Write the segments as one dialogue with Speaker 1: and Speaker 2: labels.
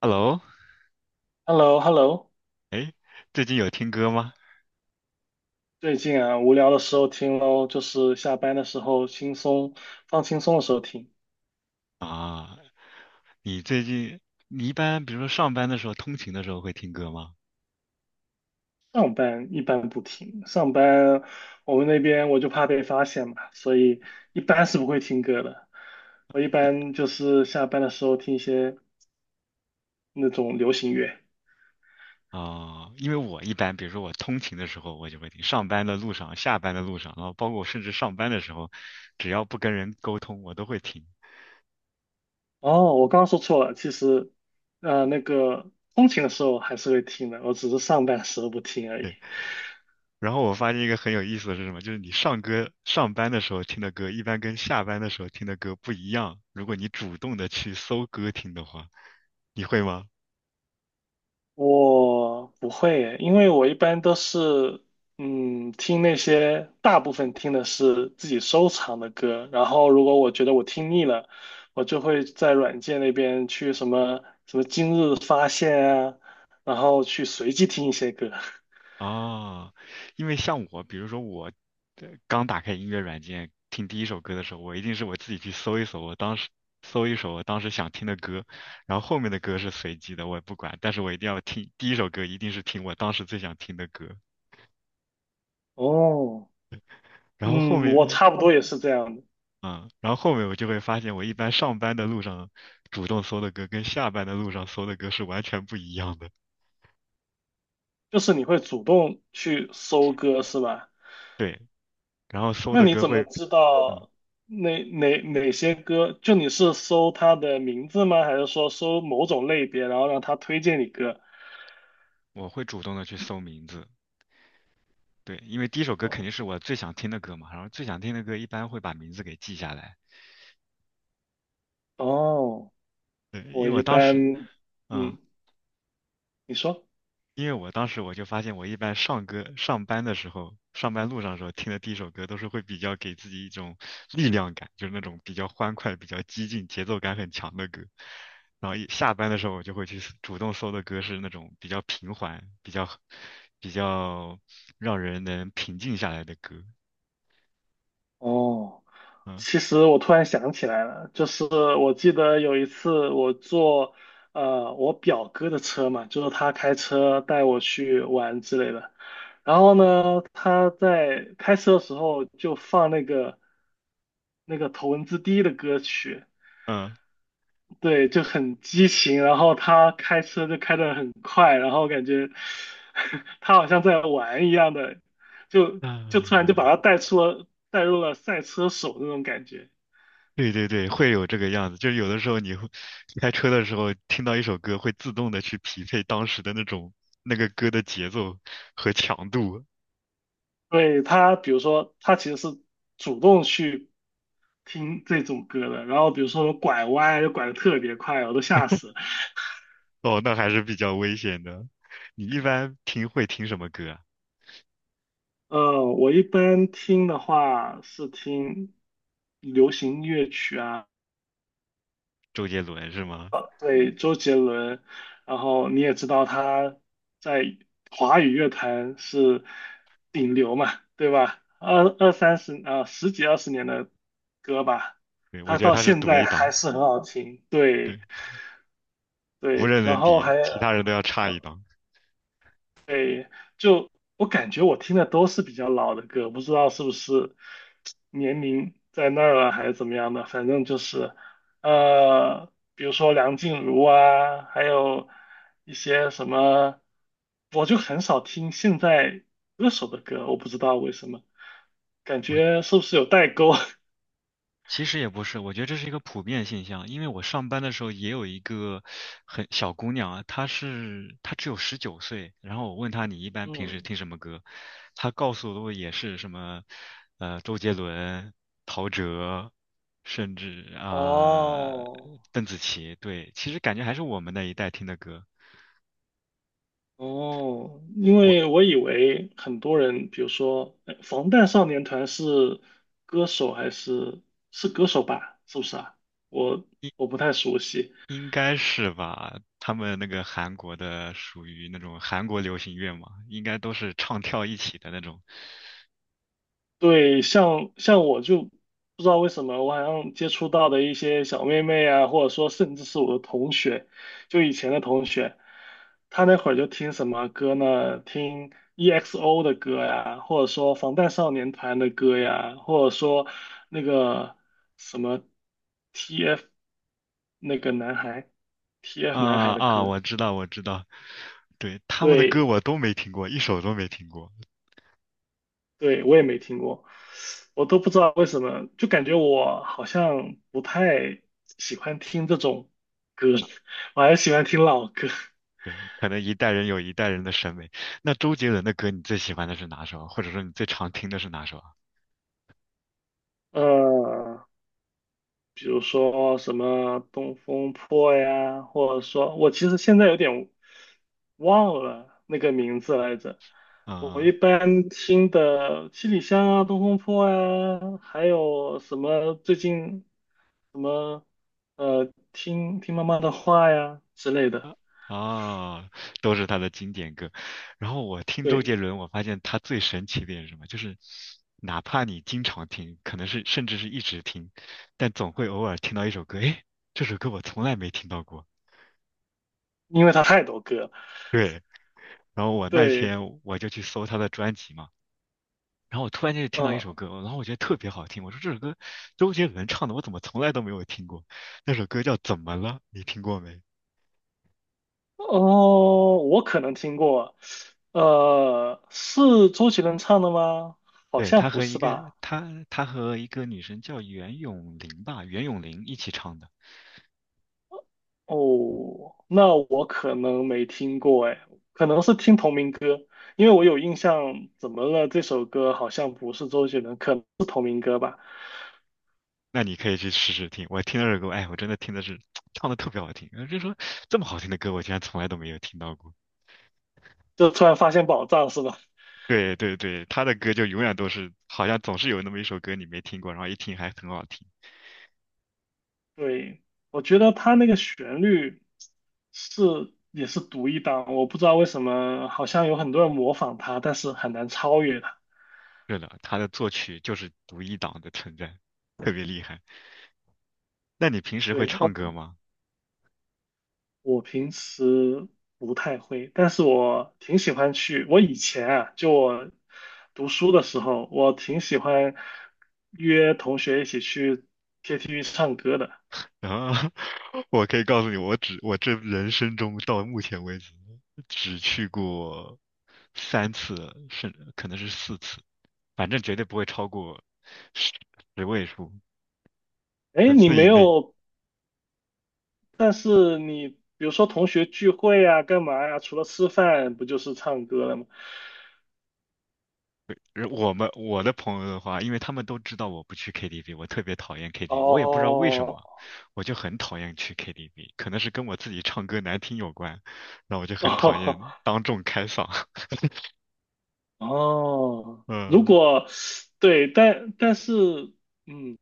Speaker 1: Hello，
Speaker 2: h e l l o h e l l o
Speaker 1: 哎，最近有听歌吗？
Speaker 2: 最近啊，无聊的时候听咯，就是下班的时候轻松，放轻松的时候听。
Speaker 1: 啊，你最近你一般比如说上班的时候、通勤的时候会听歌吗？
Speaker 2: 上班一般不听，上班我们那边我就怕被发现嘛，所以一般是不会听歌的。我一般就是下班的时候听一些那种流行乐。
Speaker 1: 啊，因为我一般比如说我通勤的时候我就会听，上班的路上、下班的路上，然后包括我甚至上班的时候，只要不跟人沟通，我都会听。
Speaker 2: 哦，我刚刚说错了，其实，那个通勤的时候还是会听的，我只是上班的时候不听而已。
Speaker 1: 然后我发现一个很有意思的是什么？就是你上班的时候听的歌，一般跟下班的时候听的歌不一样。如果你主动的去搜歌听的话，你会吗？
Speaker 2: 我不会耶因为我一般都是，嗯，听那些大部分听的是自己收藏的歌，然后如果我觉得我听腻了，我就会在软件那边去什么什么今日发现啊，然后去随机听一些歌。
Speaker 1: 哦，因为像我，比如说我刚打开音乐软件听第一首歌的时候，我一定是我自己去搜一搜，我当时搜一首我当时想听的歌，然后后面的歌是随机的，我也不管，但是我一定要听第一首歌，一定是听我当时最想听的歌，
Speaker 2: 哦，
Speaker 1: 然后后
Speaker 2: 嗯，我
Speaker 1: 面，
Speaker 2: 差不多也是这样的
Speaker 1: 嗯，然后后面我就会发现，我一般上班的路上主动搜的歌跟下班的路上搜的歌是完全不一样的。
Speaker 2: 就是你会主动去搜歌是吧？
Speaker 1: 对，然后搜
Speaker 2: 那
Speaker 1: 的
Speaker 2: 你
Speaker 1: 歌
Speaker 2: 怎么
Speaker 1: 会，
Speaker 2: 知
Speaker 1: 嗯，
Speaker 2: 道哪些歌？就你是搜他的名字吗？还是说搜某种类别，然后让他推荐你歌？
Speaker 1: 我会主动的去搜名字。对，因为第一首歌肯
Speaker 2: 哦
Speaker 1: 定是我最想听的歌嘛，然后最想听的歌一般会把名字给记下来。
Speaker 2: 哦，
Speaker 1: 对，
Speaker 2: 我一般，
Speaker 1: 嗯，
Speaker 2: 嗯，你说，
Speaker 1: 因为我当时我就发现，我一般上班的时候，上班路上的时候听的第一首歌都是会比较给自己一种力量感，就是那种比较欢快、比较激进、节奏感很强的歌。然后一下班的时候，我就会去主动搜的歌是那种比较平缓、比较让人能平静下来的歌。
Speaker 2: 哦。
Speaker 1: 嗯
Speaker 2: 其实我突然想起来了，就是我记得有一次我坐我表哥的车嘛，就是他开车带我去玩之类的。然后呢，他在开车的时候就放那个头文字 D 的歌曲，
Speaker 1: 嗯
Speaker 2: 对，就很激情。然后他开车就开得很快，然后感觉 他好像在玩一样的，就就突然就把
Speaker 1: 嗯。
Speaker 2: 他带入了赛车手那种感觉。
Speaker 1: 对对对，会有这个样子，就是有的时候你会开车的时候听到一首歌，会自动的去匹配当时的那个歌的节奏和强度。
Speaker 2: 对，他，比如说他其实是主动去听这种歌的，然后比如说拐弯就拐的特别快，我都吓死了。
Speaker 1: 哦，那还是比较危险的。你一般会听什么歌啊？
Speaker 2: 我一般听的话是听流行音乐曲啊，
Speaker 1: 周杰伦是吗？
Speaker 2: 对，周杰伦，然后你也知道他在华语乐坛是顶流嘛，对吧？二三十啊，十几二十年的歌吧，
Speaker 1: 对，我
Speaker 2: 他
Speaker 1: 觉得
Speaker 2: 到
Speaker 1: 他是
Speaker 2: 现
Speaker 1: 独
Speaker 2: 在
Speaker 1: 一
Speaker 2: 还
Speaker 1: 档。
Speaker 2: 是很好听，对。
Speaker 1: 对，无
Speaker 2: 对，
Speaker 1: 人
Speaker 2: 然
Speaker 1: 能
Speaker 2: 后
Speaker 1: 敌，
Speaker 2: 还
Speaker 1: 其他人都要差一
Speaker 2: 呃
Speaker 1: 档。
Speaker 2: 对，就我感觉我听的都是比较老的歌，不知道是不是年龄在那儿了还是怎么样的，反正就是比如说梁静茹啊，还有一些什么，我就很少听现在歌手的歌，我不知道为什么，感觉是不是有代沟？
Speaker 1: 其实也不是，我觉得这是一个普遍现象。因为我上班的时候也有一个很小姑娘啊，她只有19岁，然后我问她你一般平时
Speaker 2: 嗯，
Speaker 1: 听什么歌，她告诉我也是什么，周杰伦、陶喆，甚至啊、
Speaker 2: 哦，
Speaker 1: 邓紫棋。对，其实感觉还是我们那一代听的歌。
Speaker 2: 哦，因
Speaker 1: 我
Speaker 2: 为我以为很多人，比如说防弹少年团是歌手还是歌手吧？是不是啊？我我不太熟悉。
Speaker 1: 应该是吧？他们那个韩国的属于那种韩国流行乐嘛，应该都是唱跳一起的那种。
Speaker 2: 对，像我就不知道为什么，我好像接触到的一些小妹妹啊，或者说甚至是我的同学，就以前的同学，她那会儿就听什么歌呢？听 EXO 的歌呀，或者说防弹少年团的歌呀，或者说那个什么 TF 那个男孩，TF 男
Speaker 1: 啊
Speaker 2: 孩的
Speaker 1: 啊，
Speaker 2: 歌，
Speaker 1: 我知道，我知道。对，他们的歌
Speaker 2: 对。
Speaker 1: 我都没听过，一首都没听过。
Speaker 2: 对，我也没听过，我都不知道为什么，就感觉我好像不太喜欢听这种歌，我还是喜欢听老歌，
Speaker 1: 对，可能一代人有一代人的审美。那周杰伦的歌，你最喜欢的是哪首啊？或者说你最常听的是哪首啊？
Speaker 2: 呃，比如说什么《东风破》呀，或者说我其实现在有点忘了那个名字来着。我一
Speaker 1: 嗯。
Speaker 2: 般听的七里香啊、东风破啊，还有什么最近什么听妈妈的话呀之类的。
Speaker 1: 哦，都是他的经典歌。然后我听周杰
Speaker 2: 对，
Speaker 1: 伦，我发现他最神奇的点是什么？就是哪怕你经常听，可能是甚至是一直听，但总会偶尔听到一首歌，诶，这首歌我从来没听到过。
Speaker 2: 因为他太多歌了
Speaker 1: 对，然后我那
Speaker 2: 对，
Speaker 1: 天我就去搜他的专辑嘛。然后我突然间就听到一
Speaker 2: 嗯，
Speaker 1: 首歌，然后我觉得特别好听，我说这首歌周杰伦唱的，我怎么从来都没有听过？那首歌叫《怎么了》，你听过没？
Speaker 2: 哦，我可能听过，是周杰伦唱的吗？好
Speaker 1: 对，他
Speaker 2: 像不
Speaker 1: 和一
Speaker 2: 是
Speaker 1: 个
Speaker 2: 吧？
Speaker 1: 他他和一个女生叫袁咏琳吧，袁咏琳一起唱的。
Speaker 2: 哦，那我可能没听过，哎，可能是听同名歌，因为我有印象，怎么了？这首歌好像不是周杰伦，可能是同名歌吧？
Speaker 1: 那你可以去试试听。我听到这首歌，哎，我真的听的是 唱的特别好听。就说这么好听的歌，我竟然从来都没有听到过。
Speaker 2: 就突然发现宝藏是吧？
Speaker 1: 对对对，他的歌就永远都是，好像总是有那么一首歌你没听过，然后一听还很好听。
Speaker 2: 对，我觉得他那个旋律。是也是独一档，我不知道为什么，好像有很多人模仿他，但是很难超越他。
Speaker 1: 是的，他的作曲就是独一档的存在，特别厉害。那你平时会
Speaker 2: 对，
Speaker 1: 唱
Speaker 2: 我
Speaker 1: 歌吗？
Speaker 2: 我平时不太会，但是我挺喜欢去。我以前啊，就我读书的时候，我挺喜欢约同学一起去 KTV 唱歌的。
Speaker 1: 然后 我可以告诉你，我这人生中到目前为止只去过3次，可能是4次，反正绝对不会超过十十位数，
Speaker 2: 哎，
Speaker 1: 十
Speaker 2: 你
Speaker 1: 次以
Speaker 2: 没
Speaker 1: 内。
Speaker 2: 有，但是你比如说同学聚会啊，干嘛呀？除了吃饭，不就是唱歌了吗？
Speaker 1: 而我的朋友的话，因为他们都知道我不去 KTV，我特别讨厌 KTV，我也不知道为什
Speaker 2: 哦，
Speaker 1: 么，我就很讨厌去 KTV，可能是跟我自己唱歌难听有关，那我就很讨厌 当众开嗓。
Speaker 2: 哦，如
Speaker 1: 嗯。
Speaker 2: 果对，但是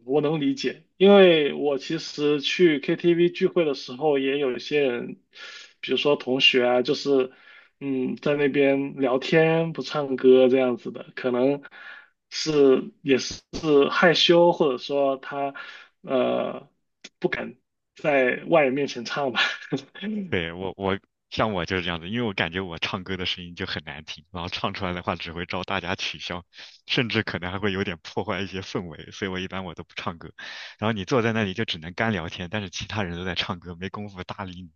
Speaker 2: 我能理解，因为我其实去 KTV 聚会的时候，也有一些人，比如说同学啊，就是嗯，在那边聊天不唱歌这样子的，可能是也是害羞，或者说他呃不敢在外人面前唱吧。
Speaker 1: 对，像我就是这样子，因为我感觉我唱歌的声音就很难听，然后唱出来的话只会招大家取笑，甚至可能还会有点破坏一些氛围，所以我一般我都不唱歌。然后你坐在那里就只能干聊天，但是其他人都在唱歌，没工夫搭理你。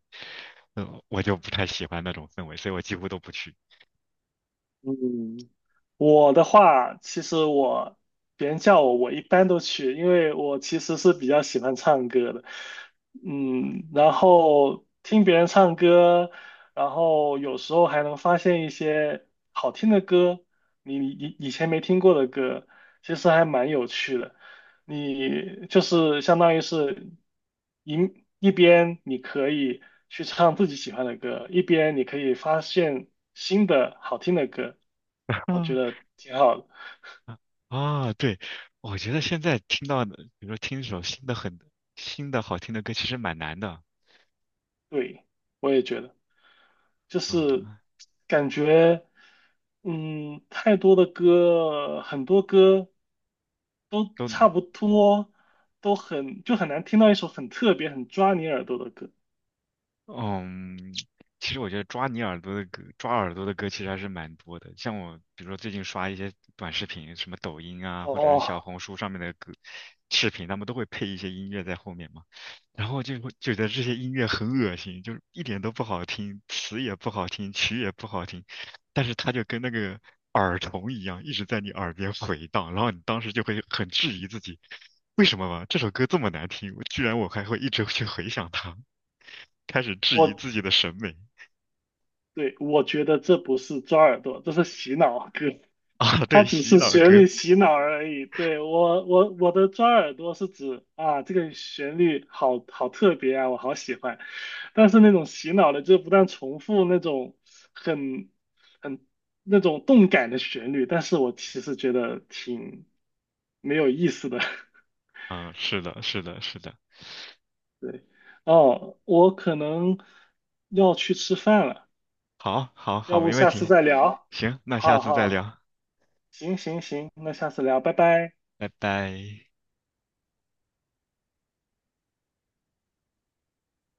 Speaker 1: 嗯，我就不太喜欢那种氛围，所以我几乎都不去。
Speaker 2: 嗯，我的话，其实我别人叫我，我一般都去，因为我其实是比较喜欢唱歌的。嗯，然后听别人唱歌，然后有时候还能发现一些好听的歌，你以前没听过的歌，其实还蛮有趣的。你就是相当于是一一边你可以去唱自己喜欢的歌，一边你可以发现新的好听的歌，我觉得 挺好的。
Speaker 1: 啊啊啊！对，我觉得现在听到的，比如说听一首很新的好听的歌，其实蛮难的。
Speaker 2: 对，我也觉得，就是
Speaker 1: 嗯，
Speaker 2: 感觉，嗯，太多的歌，很多歌都
Speaker 1: 都
Speaker 2: 差不多，都很，就很难听到一首很特别、很抓你耳朵的歌。
Speaker 1: 嗯，其实我觉得抓你耳朵的歌，抓耳朵的歌其实还是蛮多的。像我，比如说最近刷一些短视频，什么抖音啊，或者是小
Speaker 2: 哦，
Speaker 1: 红书上面的歌视频，他们都会配一些音乐在后面嘛。然后就会觉得这些音乐很恶心，就是一点都不好听，词也不好听，曲也不好听，但是它就跟那个耳虫一样，一直在你耳边回荡，然后你当时就会很质疑自己，为什么吧，这首歌这么难听，居然我还会一直去回想它。开始质疑
Speaker 2: 我。
Speaker 1: 自己的审美。
Speaker 2: 对，我觉得这不是抓耳朵，这是洗脑歌，
Speaker 1: 啊，
Speaker 2: 它
Speaker 1: 对，
Speaker 2: 只
Speaker 1: 洗
Speaker 2: 是
Speaker 1: 脑
Speaker 2: 旋
Speaker 1: 歌，
Speaker 2: 律洗脑而已。对，我，我的抓耳朵是指啊，这个旋律好特别啊，我好喜欢。但是那种洗脑的，就不断重复那种很很那种动感的旋律，但是我其实觉得挺没有意思的。
Speaker 1: 嗯，是的，是的，是的，
Speaker 2: 对，哦，我可能要去吃饭了，
Speaker 1: 好，好，
Speaker 2: 要
Speaker 1: 好，
Speaker 2: 不
Speaker 1: 没问
Speaker 2: 下次
Speaker 1: 题，
Speaker 2: 再聊？
Speaker 1: 行，那下
Speaker 2: 好
Speaker 1: 次再
Speaker 2: 好。
Speaker 1: 聊，
Speaker 2: 行行行，那下次聊，拜拜。
Speaker 1: 拜拜。